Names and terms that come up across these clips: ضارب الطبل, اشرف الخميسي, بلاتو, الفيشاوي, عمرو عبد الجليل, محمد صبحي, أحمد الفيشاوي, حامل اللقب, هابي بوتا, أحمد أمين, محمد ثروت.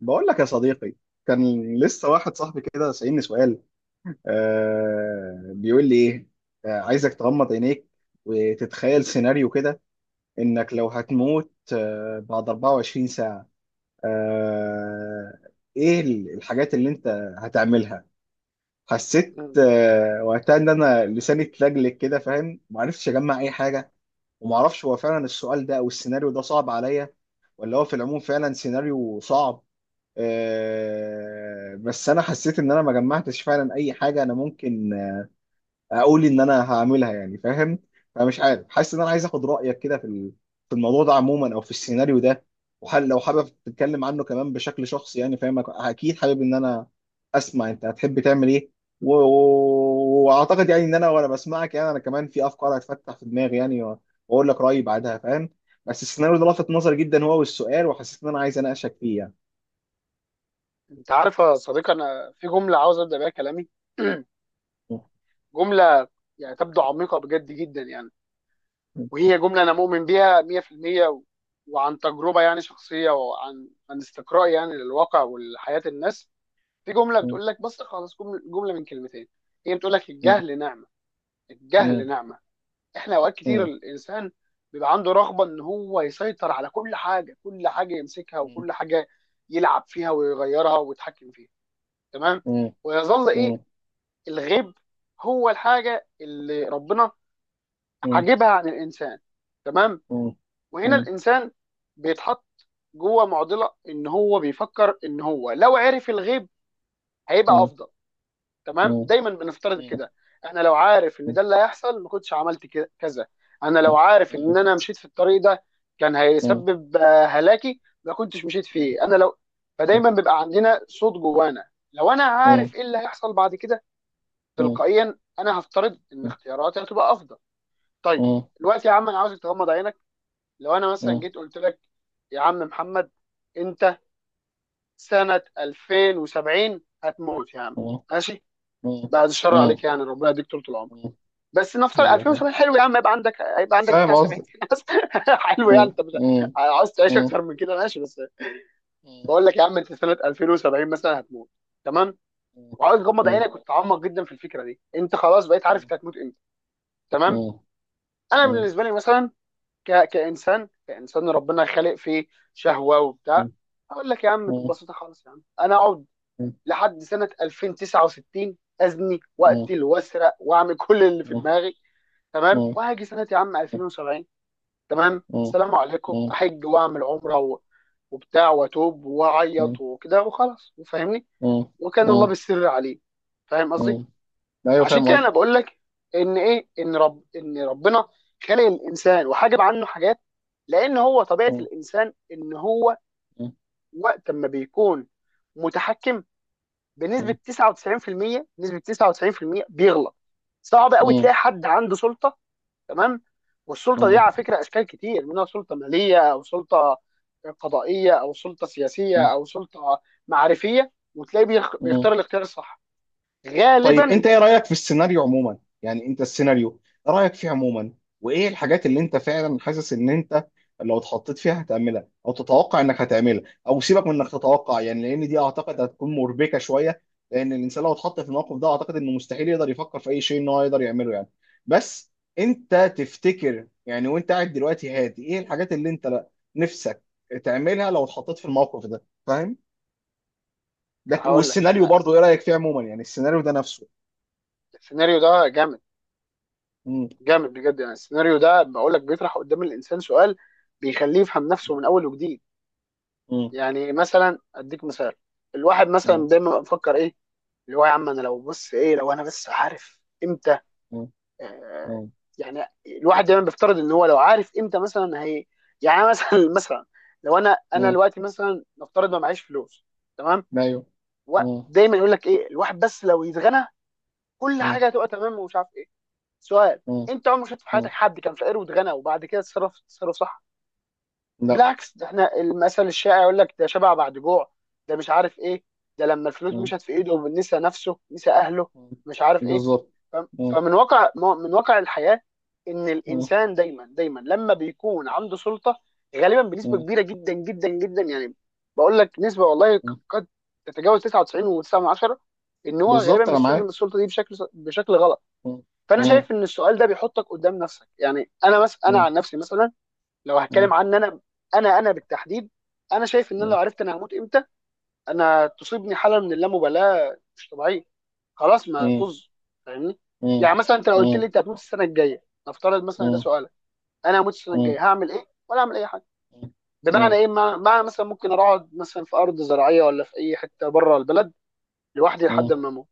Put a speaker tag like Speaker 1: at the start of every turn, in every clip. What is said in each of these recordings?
Speaker 1: بقول لك يا صديقي. كان لسه واحد صاحبي كده سألني سؤال. بيقول لي ايه؟ عايزك تغمض عينيك وتتخيل سيناريو كده، انك لو هتموت بعد 24 ساعة. آه ايه الحاجات اللي انت هتعملها؟ حسيت
Speaker 2: مم.
Speaker 1: وقتها ان انا لساني اتلجلج كده، فاهم، ومعرفتش اجمع اي حاجة. ومعرفش هو فعلا السؤال ده او السيناريو ده صعب عليا، ولا هو في العموم فعلا سيناريو صعب. بس انا حسيت ان انا ما جمعتش فعلا اي حاجه انا ممكن اقول ان انا هعملها، يعني فاهم. فمش عارف، حاسس ان انا عايز اخد رايك كده في في الموضوع ده عموما او في السيناريو ده، وحل لو حابب تتكلم عنه كمان بشكل شخصي، يعني فاهم. اكيد حابب ان انا اسمع انت هتحب تعمل ايه، واعتقد يعني ان انا وانا بسمعك، يعني انا كمان في افكار هتفتح في دماغي يعني، واقول لك رايي بعدها، فاهم. بس السيناريو ده لفت نظري جدا هو والسؤال، وحسيت ان انا عايز اناقشك فيه.
Speaker 2: انت عارف يا صديقي، انا في جمله عاوز ابدا بيها كلامي. جمله يعني تبدو عميقه بجد جدا، يعني وهي جمله انا مؤمن بيها 100%، وعن تجربه يعني شخصيه، وعن استقراء يعني للواقع ولحياه الناس. في جمله
Speaker 1: يعني
Speaker 2: بتقول لك بس خالص، جمله جمله من كلمتين. هي بتقول لك
Speaker 1: أيوه.
Speaker 2: الجهل نعمه. الجهل نعمه. احنا اوقات كتير الانسان بيبقى عنده رغبه ان هو يسيطر على كل حاجه، كل حاجه يمسكها وكل حاجه يلعب فيها ويغيرها ويتحكم فيها. تمام. ويظل ايه؟ الغيب. هو الحاجه اللي ربنا حاجبها عن الانسان. تمام. وهنا الانسان بيتحط جوه معضله، ان هو بيفكر ان هو لو عرف الغيب هيبقى افضل. تمام. دايما بنفترض كده. انا لو عارف ان ده اللي هيحصل ما كنتش عملت كذا. انا لو عارف ان انا مشيت في الطريق ده كان هيسبب هلاكي، ما كنتش مشيت فيه. انا لو، فدايما بيبقى عندنا صوت جوانا، لو انا عارف ايه اللي هيحصل بعد كده، تلقائيا انا هفترض ان اختياراتي هتبقى افضل. طيب، دلوقتي يا عم انا عاوزك تغمض عينك. لو انا مثلا جيت قلت لك، يا عم محمد، انت سنة 2070 هتموت يا عم. ماشي. بعد الشر عليك يعني، ربنا يديك طول العمر، بس نفترض 2070. حلو يا عم، يبقى عندك، يبقى عندك
Speaker 1: فاهم
Speaker 2: بتاع 70
Speaker 1: قصدي.
Speaker 2: سنة بس. حلو، يعني انت مش عاوز تعيش اكتر من كده؟ ماشي بس. بقول لك يا عم انت سنة 2070 مثلا هتموت. تمام. وعاوز تغمض عينك وتتعمق جدا في الفكرة دي، انت خلاص بقيت عارف انت هتموت امتى. تمام. انا بالنسبه لي مثلا ك... كانسان كانسان ربنا خالق فيه شهوه وبتاع، اقول لك يا عم ببساطه خالص، يا عم انا اقعد لحد سنه 2069 ازني واقتل واسرق واعمل كل اللي في دماغي. تمام. وهاجي سنه يا عم 2070. تمام. السلام عليكم، احج واعمل عمره وبتاع واتوب واعيط وكده وخلاص، فاهمني؟ وكان الله بالسر عليه. فاهم قصدي؟
Speaker 1: ايوه
Speaker 2: عشان كده
Speaker 1: فاهم
Speaker 2: انا بقول لك ان ايه ان رب ان ربنا خلق الانسان وحجب عنه حاجات، لان هو طبيعه
Speaker 1: قصدي.
Speaker 2: الانسان ان هو وقت ما بيكون متحكم بنسبه 99%، نسبه 99% بيغلط. صعب قوي
Speaker 1: مم.
Speaker 2: تلاقي حد عنده سلطه. تمام. والسلطه دي
Speaker 1: مم.
Speaker 2: على فكره اشكال كتير منها، سلطه ماليه او سلطه قضائيه او سلطه سياسيه
Speaker 1: مم.
Speaker 2: او سلطه معرفيه، وتلاقيه
Speaker 1: مم.
Speaker 2: بيختار الاختيار الصح
Speaker 1: طيب انت
Speaker 2: غالبا.
Speaker 1: ايه رأيك في السيناريو عموما؟ يعني انت السيناريو رأيك فيه عموما، وايه الحاجات اللي انت فعلا حاسس ان انت لو اتحطيت فيها هتعملها او تتوقع انك هتعملها؟ او سيبك من انك تتوقع يعني، لان دي اعتقد هتكون مربكة شوية، لان الانسان لو اتحط في الموقف ده اعتقد انه مستحيل يقدر يفكر في اي شيء ان هو يقدر يعمله يعني. بس انت تفتكر يعني وانت قاعد دلوقتي هادي، ايه الحاجات اللي انت نفسك تعملها لو اتحطيت في الموقف ده، فاهم؟
Speaker 2: هقول لك
Speaker 1: والسيناريو
Speaker 2: انا،
Speaker 1: برضو ايه رايك فيه عموما يعني؟ السيناريو ده نفسه.
Speaker 2: السيناريو ده جامد،
Speaker 1: مم.
Speaker 2: جامد بجد يعني. السيناريو ده بقول لك بيطرح قدام الانسان سؤال بيخليه يفهم نفسه من اول وجديد.
Speaker 1: مم.
Speaker 2: يعني مثلا اديك مثال. الواحد
Speaker 1: مم.
Speaker 2: مثلا دايما بيبقى مفكر ايه، اللي هو يا عم انا لو بص ايه، لو انا بس عارف امتى،
Speaker 1: مم.
Speaker 2: آه
Speaker 1: مم.
Speaker 2: يعني الواحد دايما بيفترض ان هو لو عارف امتى مثلا هي. يعني أنا مثلا مثلا لو انا
Speaker 1: مم.
Speaker 2: دلوقتي مثلا نفترض ما معيش فلوس. تمام.
Speaker 1: ايوه. مم.
Speaker 2: ودايما يقول لك ايه الواحد، بس لو يتغنى كل
Speaker 1: مم.
Speaker 2: حاجه هتبقى تمام، ومش عارف ايه. سؤال:
Speaker 1: مم.
Speaker 2: انت عمرك شفت في حياتك
Speaker 1: مم.
Speaker 2: حد كان فقير واتغنى وبعد كده اتصرف تصرف صح؟
Speaker 1: لا.
Speaker 2: بالعكس، ده احنا المثل الشائع يقول لك ده شبع بعد جوع، ده مش عارف ايه، ده لما الفلوس
Speaker 1: مم.
Speaker 2: مشت في ايده نسى نفسه نسى اهله،
Speaker 1: مم.
Speaker 2: مش عارف ايه.
Speaker 1: بالظبط.
Speaker 2: ف-
Speaker 1: مم.
Speaker 2: فمن واقع، من واقع الحياة، ان
Speaker 1: مم.
Speaker 2: الانسان دايما دايما لما بيكون عنده سلطة غالبا بنسبة
Speaker 1: مم.
Speaker 2: كبيرة جدا جدا جدا يعني. بقول لك نسبة والله
Speaker 1: مم.
Speaker 2: قد تتجاوز 99.9، ان هو غالبا
Speaker 1: بالظبط انا
Speaker 2: بيستخدم
Speaker 1: معاك.
Speaker 2: السلطة دي بشكل غلط.
Speaker 1: مم.
Speaker 2: فانا
Speaker 1: مم.
Speaker 2: شايف ان السؤال ده بيحطك قدام نفسك، يعني انا انا عن
Speaker 1: مم.
Speaker 2: نفسي مثلا، لو هتكلم
Speaker 1: مم.
Speaker 2: عن انا، انا بالتحديد، انا شايف ان انا لو
Speaker 1: مم.
Speaker 2: عرفت انا هموت امتى، انا تصيبني حاله من اللامبالاه مش طبيعيه، خلاص ما
Speaker 1: مم.
Speaker 2: طز. فاهمني؟
Speaker 1: مم.
Speaker 2: يعني مثلا انت لو قلت لي
Speaker 1: مم.
Speaker 2: انت هتموت السنه الجايه، نفترض مثلا ده
Speaker 1: مم.
Speaker 2: سؤالك، انا هموت السنه الجايه
Speaker 1: مم.
Speaker 2: هعمل ايه ولا اعمل اي حاجه؟ بمعنى
Speaker 1: مم.
Speaker 2: ايه، مع مثلا ممكن اروح اقعد مثلا في ارض زراعيه ولا في اي حته بره البلد لوحدي لحد
Speaker 1: مم.
Speaker 2: ما اموت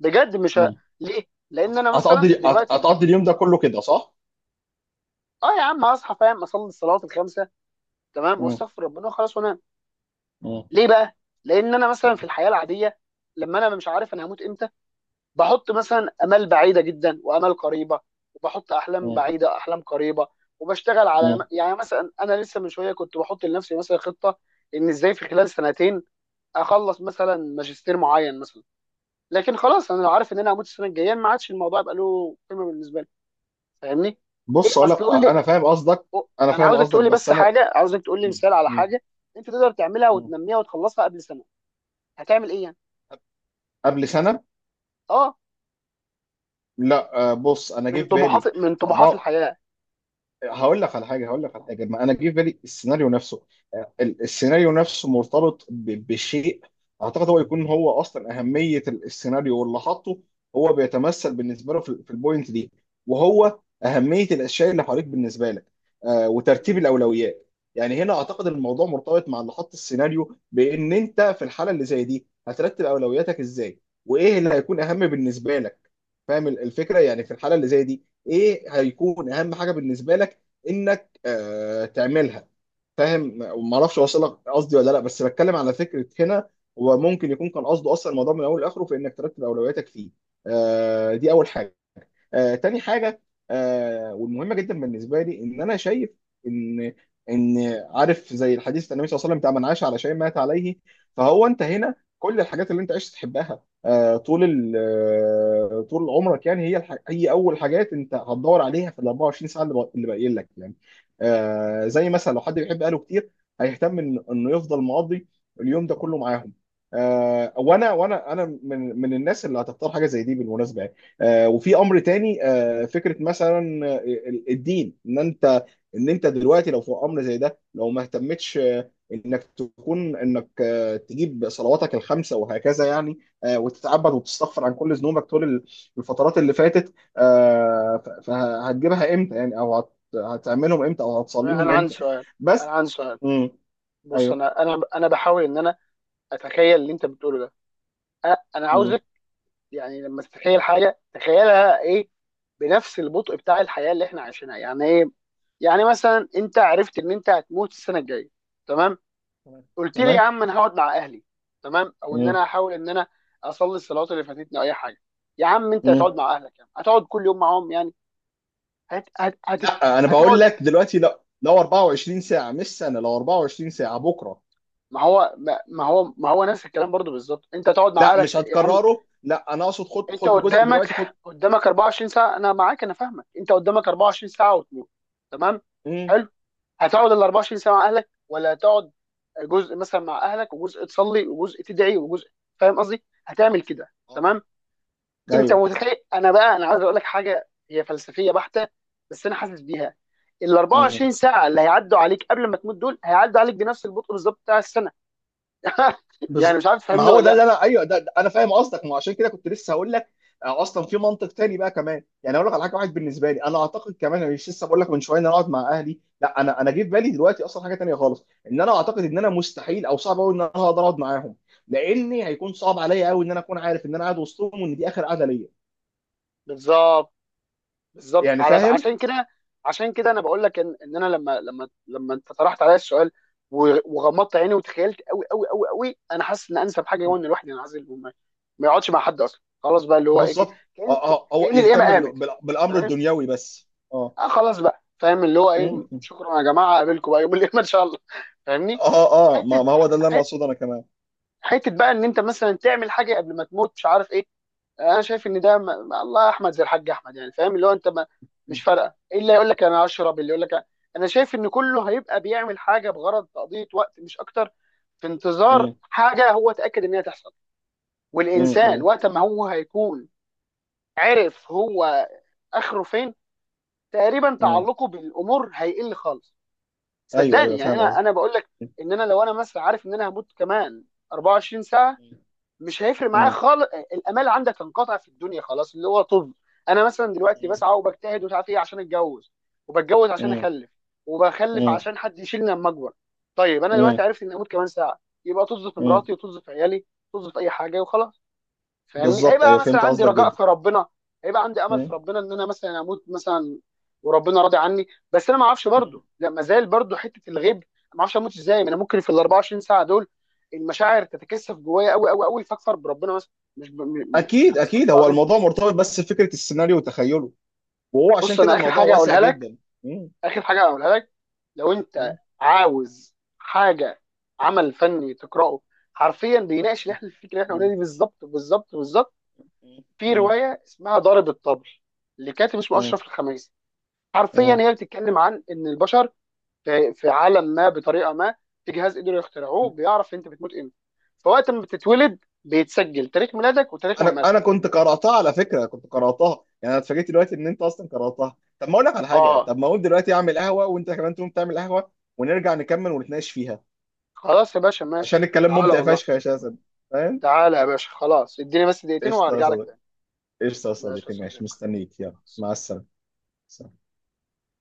Speaker 2: بجد. مش ه...
Speaker 1: مم.
Speaker 2: ليه؟
Speaker 1: هت-
Speaker 2: لان انا مثلا
Speaker 1: هتقضي هت-
Speaker 2: دلوقتي،
Speaker 1: هتقضي اليوم ده كله كده صح؟
Speaker 2: اه يا عم هصحى فاهم اصلي الصلوات الخمسه، تمام
Speaker 1: مم.
Speaker 2: واستغفر ربنا وخلاص وانام.
Speaker 1: مم.
Speaker 2: ليه بقى؟ لان انا مثلا في الحياه العاديه لما انا مش عارف انا هموت امتى، بحط مثلا امال بعيده جدا وامال قريبه، وبحط احلام
Speaker 1: مم.
Speaker 2: بعيده احلام قريبه، وبشتغل على
Speaker 1: مم.
Speaker 2: يعني مثلا، انا لسه من شويه كنت بحط لنفسي مثلا خطه، ان ازاي في خلال سنتين اخلص مثلا ماجستير معين مثلا. لكن خلاص، انا لو عارف ان انا هموت السنه الجايه ما عادش الموضوع يبقى له قيمه بالنسبه لي. فاهمني؟ ايه،
Speaker 1: بص اقول لك.
Speaker 2: اصل قول لي.
Speaker 1: انا فاهم قصدك.
Speaker 2: أو-
Speaker 1: انا
Speaker 2: انا
Speaker 1: فاهم
Speaker 2: عاوزك
Speaker 1: قصدك
Speaker 2: تقول لي
Speaker 1: بس
Speaker 2: بس
Speaker 1: انا.
Speaker 2: حاجه، عاوزك تقول لي
Speaker 1: م-
Speaker 2: مثال على
Speaker 1: م-
Speaker 2: حاجه انت تقدر تعملها
Speaker 1: م.
Speaker 2: وتنميها وتخلصها قبل سنه. هتعمل ايه يعني؟
Speaker 1: قبل سنه؟
Speaker 2: اه،
Speaker 1: لا، بص انا جه
Speaker 2: من
Speaker 1: في بالي
Speaker 2: طموحات من طموحات
Speaker 1: اربعه.
Speaker 2: الحياه.
Speaker 1: هقول لك على حاجه، هقول لك على حاجه، ما انا جه في بالي السيناريو نفسه. السيناريو نفسه مرتبط بشيء، اعتقد هو يكون هو اصلا اهميه السيناريو، واللي حاطه هو بيتمثل بالنسبه له في البوينت دي، وهو اهميه الاشياء اللي حواليك بالنسبه لك، وترتيب
Speaker 2: مم.
Speaker 1: الاولويات. يعني هنا اعتقد الموضوع مرتبط مع اللي حط السيناريو بان انت في الحاله اللي زي دي هترتب اولوياتك ازاي، وايه اللي هيكون اهم بالنسبه لك. فاهم الفكره؟ يعني في الحاله اللي زي دي ايه هيكون اهم حاجه بالنسبه لك انك تعملها، فاهم؟ ما اعرفش اوصلك قصدي ولا لا، بس بتكلم على فكره هنا. هو ممكن يكون كان قصده اصلا الموضوع من اول لاخره في انك ترتب اولوياتك فيه. دي اول حاجه. تاني حاجه، والمهمه جدا بالنسبه لي، ان انا شايف ان ان عارف زي الحديث النبي صلى الله عليه وسلم بتاع من عاش على شيء مات عليه. فهو انت هنا كل الحاجات اللي انت عشت تحبها، آه طول ال- آه، طول عمرك يعني، هي اول حاجات انت هتدور عليها في ال 24 ساعه اللي باقيين لك يعني. زي مثلا لو حد بيحب اهله كتير، هيهتم ان انه يفضل مقضي اليوم ده كله معاهم. آه وانا وانا انا من الناس اللي هتختار حاجه زي دي بالمناسبه يعني. وفي امر تاني، فكره مثلا الدين، ان انت دلوقتي لو في امر زي ده، لو ما اهتمتش انك تكون انك تجيب صلواتك الخمسه وهكذا يعني، وتتعبد وتستغفر عن كل ذنوبك طول الفترات اللي فاتت، فهتجيبها امتى يعني؟ هتعملهم امتى؟ او هتصليهم
Speaker 2: انا عندي
Speaker 1: امتى؟
Speaker 2: سؤال. انا
Speaker 1: بس.
Speaker 2: عندي سؤال.
Speaker 1: امم.
Speaker 2: بص،
Speaker 1: ايوه.
Speaker 2: انا انا بحاول ان انا اتخيل اللي انت بتقوله ده. انا
Speaker 1: امم.
Speaker 2: عاوزك، يعني لما تتخيل حاجه، تخيلها ايه بنفس البطء بتاع الحياه اللي احنا عايشينها. يعني ايه؟ يعني مثلا انت عرفت ان انت هتموت السنه الجايه. تمام. قلت لي يا
Speaker 1: تمام.
Speaker 2: عم انا هقعد مع اهلي. تمام. او ان انا هحاول ان انا اصلي الصلوات اللي فاتتني او اي حاجه. يا عم انت
Speaker 1: امم.
Speaker 2: هتقعد مع اهلك، يعني هتقعد كل يوم معاهم يعني؟ هت... هت... هت...
Speaker 1: لا انا بقول
Speaker 2: هتقعد.
Speaker 1: لك دلوقتي، لا، لو 24 ساعه مش سنه، لو 24 ساعه بكره.
Speaker 2: ما هو نفس الكلام برضو بالظبط، انت هتقعد مع
Speaker 1: لا
Speaker 2: اهلك
Speaker 1: مش
Speaker 2: يا عم.
Speaker 1: هتكرره، لا انا اقصد خد
Speaker 2: انت
Speaker 1: خد جزء
Speaker 2: قدامك
Speaker 1: دلوقتي، خد.
Speaker 2: قدامك 24 ساعه، انا معاك انا فاهمك، انت قدامك 24 ساعه وتموت. تمام.
Speaker 1: امم.
Speaker 2: حلو. هتقعد ال 24 ساعه مع اهلك ولا هتقعد جزء مثلا مع اهلك وجزء تصلي وجزء تدعي وجزء، فاهم قصدي؟ هتعمل كده.
Speaker 1: اه.
Speaker 2: تمام. انت
Speaker 1: ايوه.
Speaker 2: متخيل، انا بقى انا عايز اقول لك حاجه هي فلسفيه بحته، بس انا حاسس بيها. ال 24 ساعه اللي هيعدوا عليك قبل ما تموت دول هيعدوا عليك بنفس البطء بالظبط بتاع السنه. يعني
Speaker 1: بز...
Speaker 2: مش عارف
Speaker 1: ما
Speaker 2: تفهمني
Speaker 1: هو
Speaker 2: ولا
Speaker 1: ده
Speaker 2: لا.
Speaker 1: اللي انا، ايوه ده انا فاهم قصدك. ما هو عشان كده كنت لسه هقول لك، اصلا في منطق تاني بقى كمان يعني. اقول لك على حاجه واحد، بالنسبه لي انا اعتقد كمان، أنا مش لسه بقول لك من شويه ان انا اقعد مع اهلي؟ لا، انا انا جه في بالي دلوقتي اصلا حاجه تانيه خالص، ان انا اعتقد ان انا مستحيل او صعب قوي ان انا هقدر اقعد معاهم، لاني هيكون صعب عليا قوي ان انا اكون عارف ان انا قاعد وسطهم وان دي اخر قعده ليا،
Speaker 2: بالظبط بالظبط.
Speaker 1: يعني فاهم.
Speaker 2: عشان كده انا بقول لك، ان انا لما انت طرحت عليا السؤال، وغمضت عيني وتخيلت قوي قوي قوي قوي، انا حاسس ان انسب حاجه هو ان الواحد ينعزل وما ما يقعدش مع حد اصلا. خلاص بقى، اللي هو ايه،
Speaker 1: بالظبط. اه اه، هو
Speaker 2: كان الايام
Speaker 1: يهتم
Speaker 2: قامت.
Speaker 1: بالامر
Speaker 2: فاهم؟
Speaker 1: الدنيوي بس. اه.
Speaker 2: اه خلاص بقى، فاهم اللي هو ايه.
Speaker 1: م- م.
Speaker 2: شكرا يا جماعه، اقابلكم بقى يوم الاثنين ان شاء الله. فاهمني؟
Speaker 1: اه اه، ما
Speaker 2: حته،
Speaker 1: ما هو ده اللي
Speaker 2: ح-
Speaker 1: انا اقصده انا كمان.
Speaker 2: حته بقى ان انت مثلا تعمل حاجه قبل ما تموت، مش عارف ايه. انا شايف ان ده ما الله، احمد زي الحاج احمد، يعني فاهم اللي هو انت ما...
Speaker 1: م-
Speaker 2: مش فارقه. إيه اللي يقول لك انا اشرب، اللي يقول لك انا شايف ان كله هيبقى بيعمل حاجه بغرض تقضيه وقت مش اكتر، في انتظار
Speaker 1: م-
Speaker 2: حاجه هو اتاكد ان هي تحصل. والانسان
Speaker 1: م.
Speaker 2: وقت ما هو هيكون عرف هو اخره فين، تقريبا
Speaker 1: مم.
Speaker 2: تعلقه بالامور هيقل خالص.
Speaker 1: ايوه ايوه
Speaker 2: صدقني، يعني
Speaker 1: فاهم
Speaker 2: انا
Speaker 1: قصدي.
Speaker 2: بقول لك ان انا لو انا مثلا عارف ان انا هموت كمان 24 ساعه،
Speaker 1: مم.
Speaker 2: مش هيفرق معايا
Speaker 1: مم.
Speaker 2: خالص. الامال عندك هنقطع في الدنيا خلاص، اللي هو طب انا مثلا دلوقتي
Speaker 1: مم.
Speaker 2: بسعى وبجتهد ومش عارف ايه عشان اتجوز، وبتجوز عشان اخلف، وبخلف
Speaker 1: مم.
Speaker 2: عشان حد يشيلني لما اكبر. طيب انا
Speaker 1: مم.
Speaker 2: دلوقتي عرفت اني هموت كمان ساعه، يبقى طز في
Speaker 1: مم.
Speaker 2: مراتي وطز في عيالي، طز في اي حاجه وخلاص. فاهمني؟
Speaker 1: بالظبط
Speaker 2: هيبقى
Speaker 1: ايوه
Speaker 2: مثلا
Speaker 1: فهمت
Speaker 2: عندي
Speaker 1: قصدك
Speaker 2: رجاء
Speaker 1: جدا.
Speaker 2: في ربنا، هيبقى عندي امل في
Speaker 1: مم.
Speaker 2: ربنا ان انا مثلا اموت مثلا وربنا راضي عني، بس انا ما اعرفش
Speaker 1: مم.
Speaker 2: برضه، لا ما زال برضه حته الغيب، ما اعرفش اموت ازاي. ما انا ممكن في ال 24 ساعه دول المشاعر تتكثف جوايا قوي قوي قوي فاكفر بربنا مثلا، مش ب... م- م-
Speaker 1: اكيد
Speaker 2: يعني استغفر
Speaker 1: اكيد،
Speaker 2: الله
Speaker 1: هو
Speaker 2: العظيم.
Speaker 1: الموضوع مرتبط بس بفكره السيناريو وتخيله، وهو عشان
Speaker 2: بص،
Speaker 1: كده
Speaker 2: انا اخر
Speaker 1: الموضوع
Speaker 2: حاجه
Speaker 1: واسع
Speaker 2: اقولها لك،
Speaker 1: جدا. مم.
Speaker 2: اخر حاجه اقولها لك، لو انت
Speaker 1: مم.
Speaker 2: عاوز حاجه عمل فني تقراه حرفيا بيناقش اللي احنا الفكره اللي احنا قلناها
Speaker 1: مم.
Speaker 2: دي بالظبط بالظبط بالظبط، في
Speaker 1: مم.
Speaker 2: روايه اسمها ضارب الطبل، لكاتب اسمه
Speaker 1: مم.
Speaker 2: اشرف الخميسي. حرفيا
Speaker 1: مم.
Speaker 2: هي بتتكلم عن ان البشر في عالم ما بطريقه ما، في جهاز قدروا يخترعوه بيعرف انت بتموت امتى. فوقت ما بتتولد بيتسجل تاريخ ميلادك وتاريخ
Speaker 1: انا
Speaker 2: مماتك.
Speaker 1: انا كنت قراتها على فكره، كنت قراتها يعني، انا اتفاجئت دلوقتي ان انت اصلا قراتها. طب ما اقول لك على حاجه،
Speaker 2: اه
Speaker 1: طب ما اقول دلوقتي اعمل قهوه وانت كمان تقوم تعمل قهوه، ونرجع نكمل ونتناقش فيها،
Speaker 2: خلاص يا باشا
Speaker 1: عشان
Speaker 2: ماشي،
Speaker 1: الكلام
Speaker 2: تعالى
Speaker 1: ممتع
Speaker 2: والله.
Speaker 1: فشخ يا شاسم، فاهم.
Speaker 2: تعالى يا باشا خلاص، اديني بس دقيقتين
Speaker 1: قشطة يا
Speaker 2: وهرجع لك
Speaker 1: صديقي.
Speaker 2: تاني.
Speaker 1: قشطة يا
Speaker 2: ماشي يا
Speaker 1: صديقي، ماشي،
Speaker 2: صديقي.
Speaker 1: مستنيك، يلا
Speaker 2: مع
Speaker 1: مع
Speaker 2: السلامة.
Speaker 1: السلامة.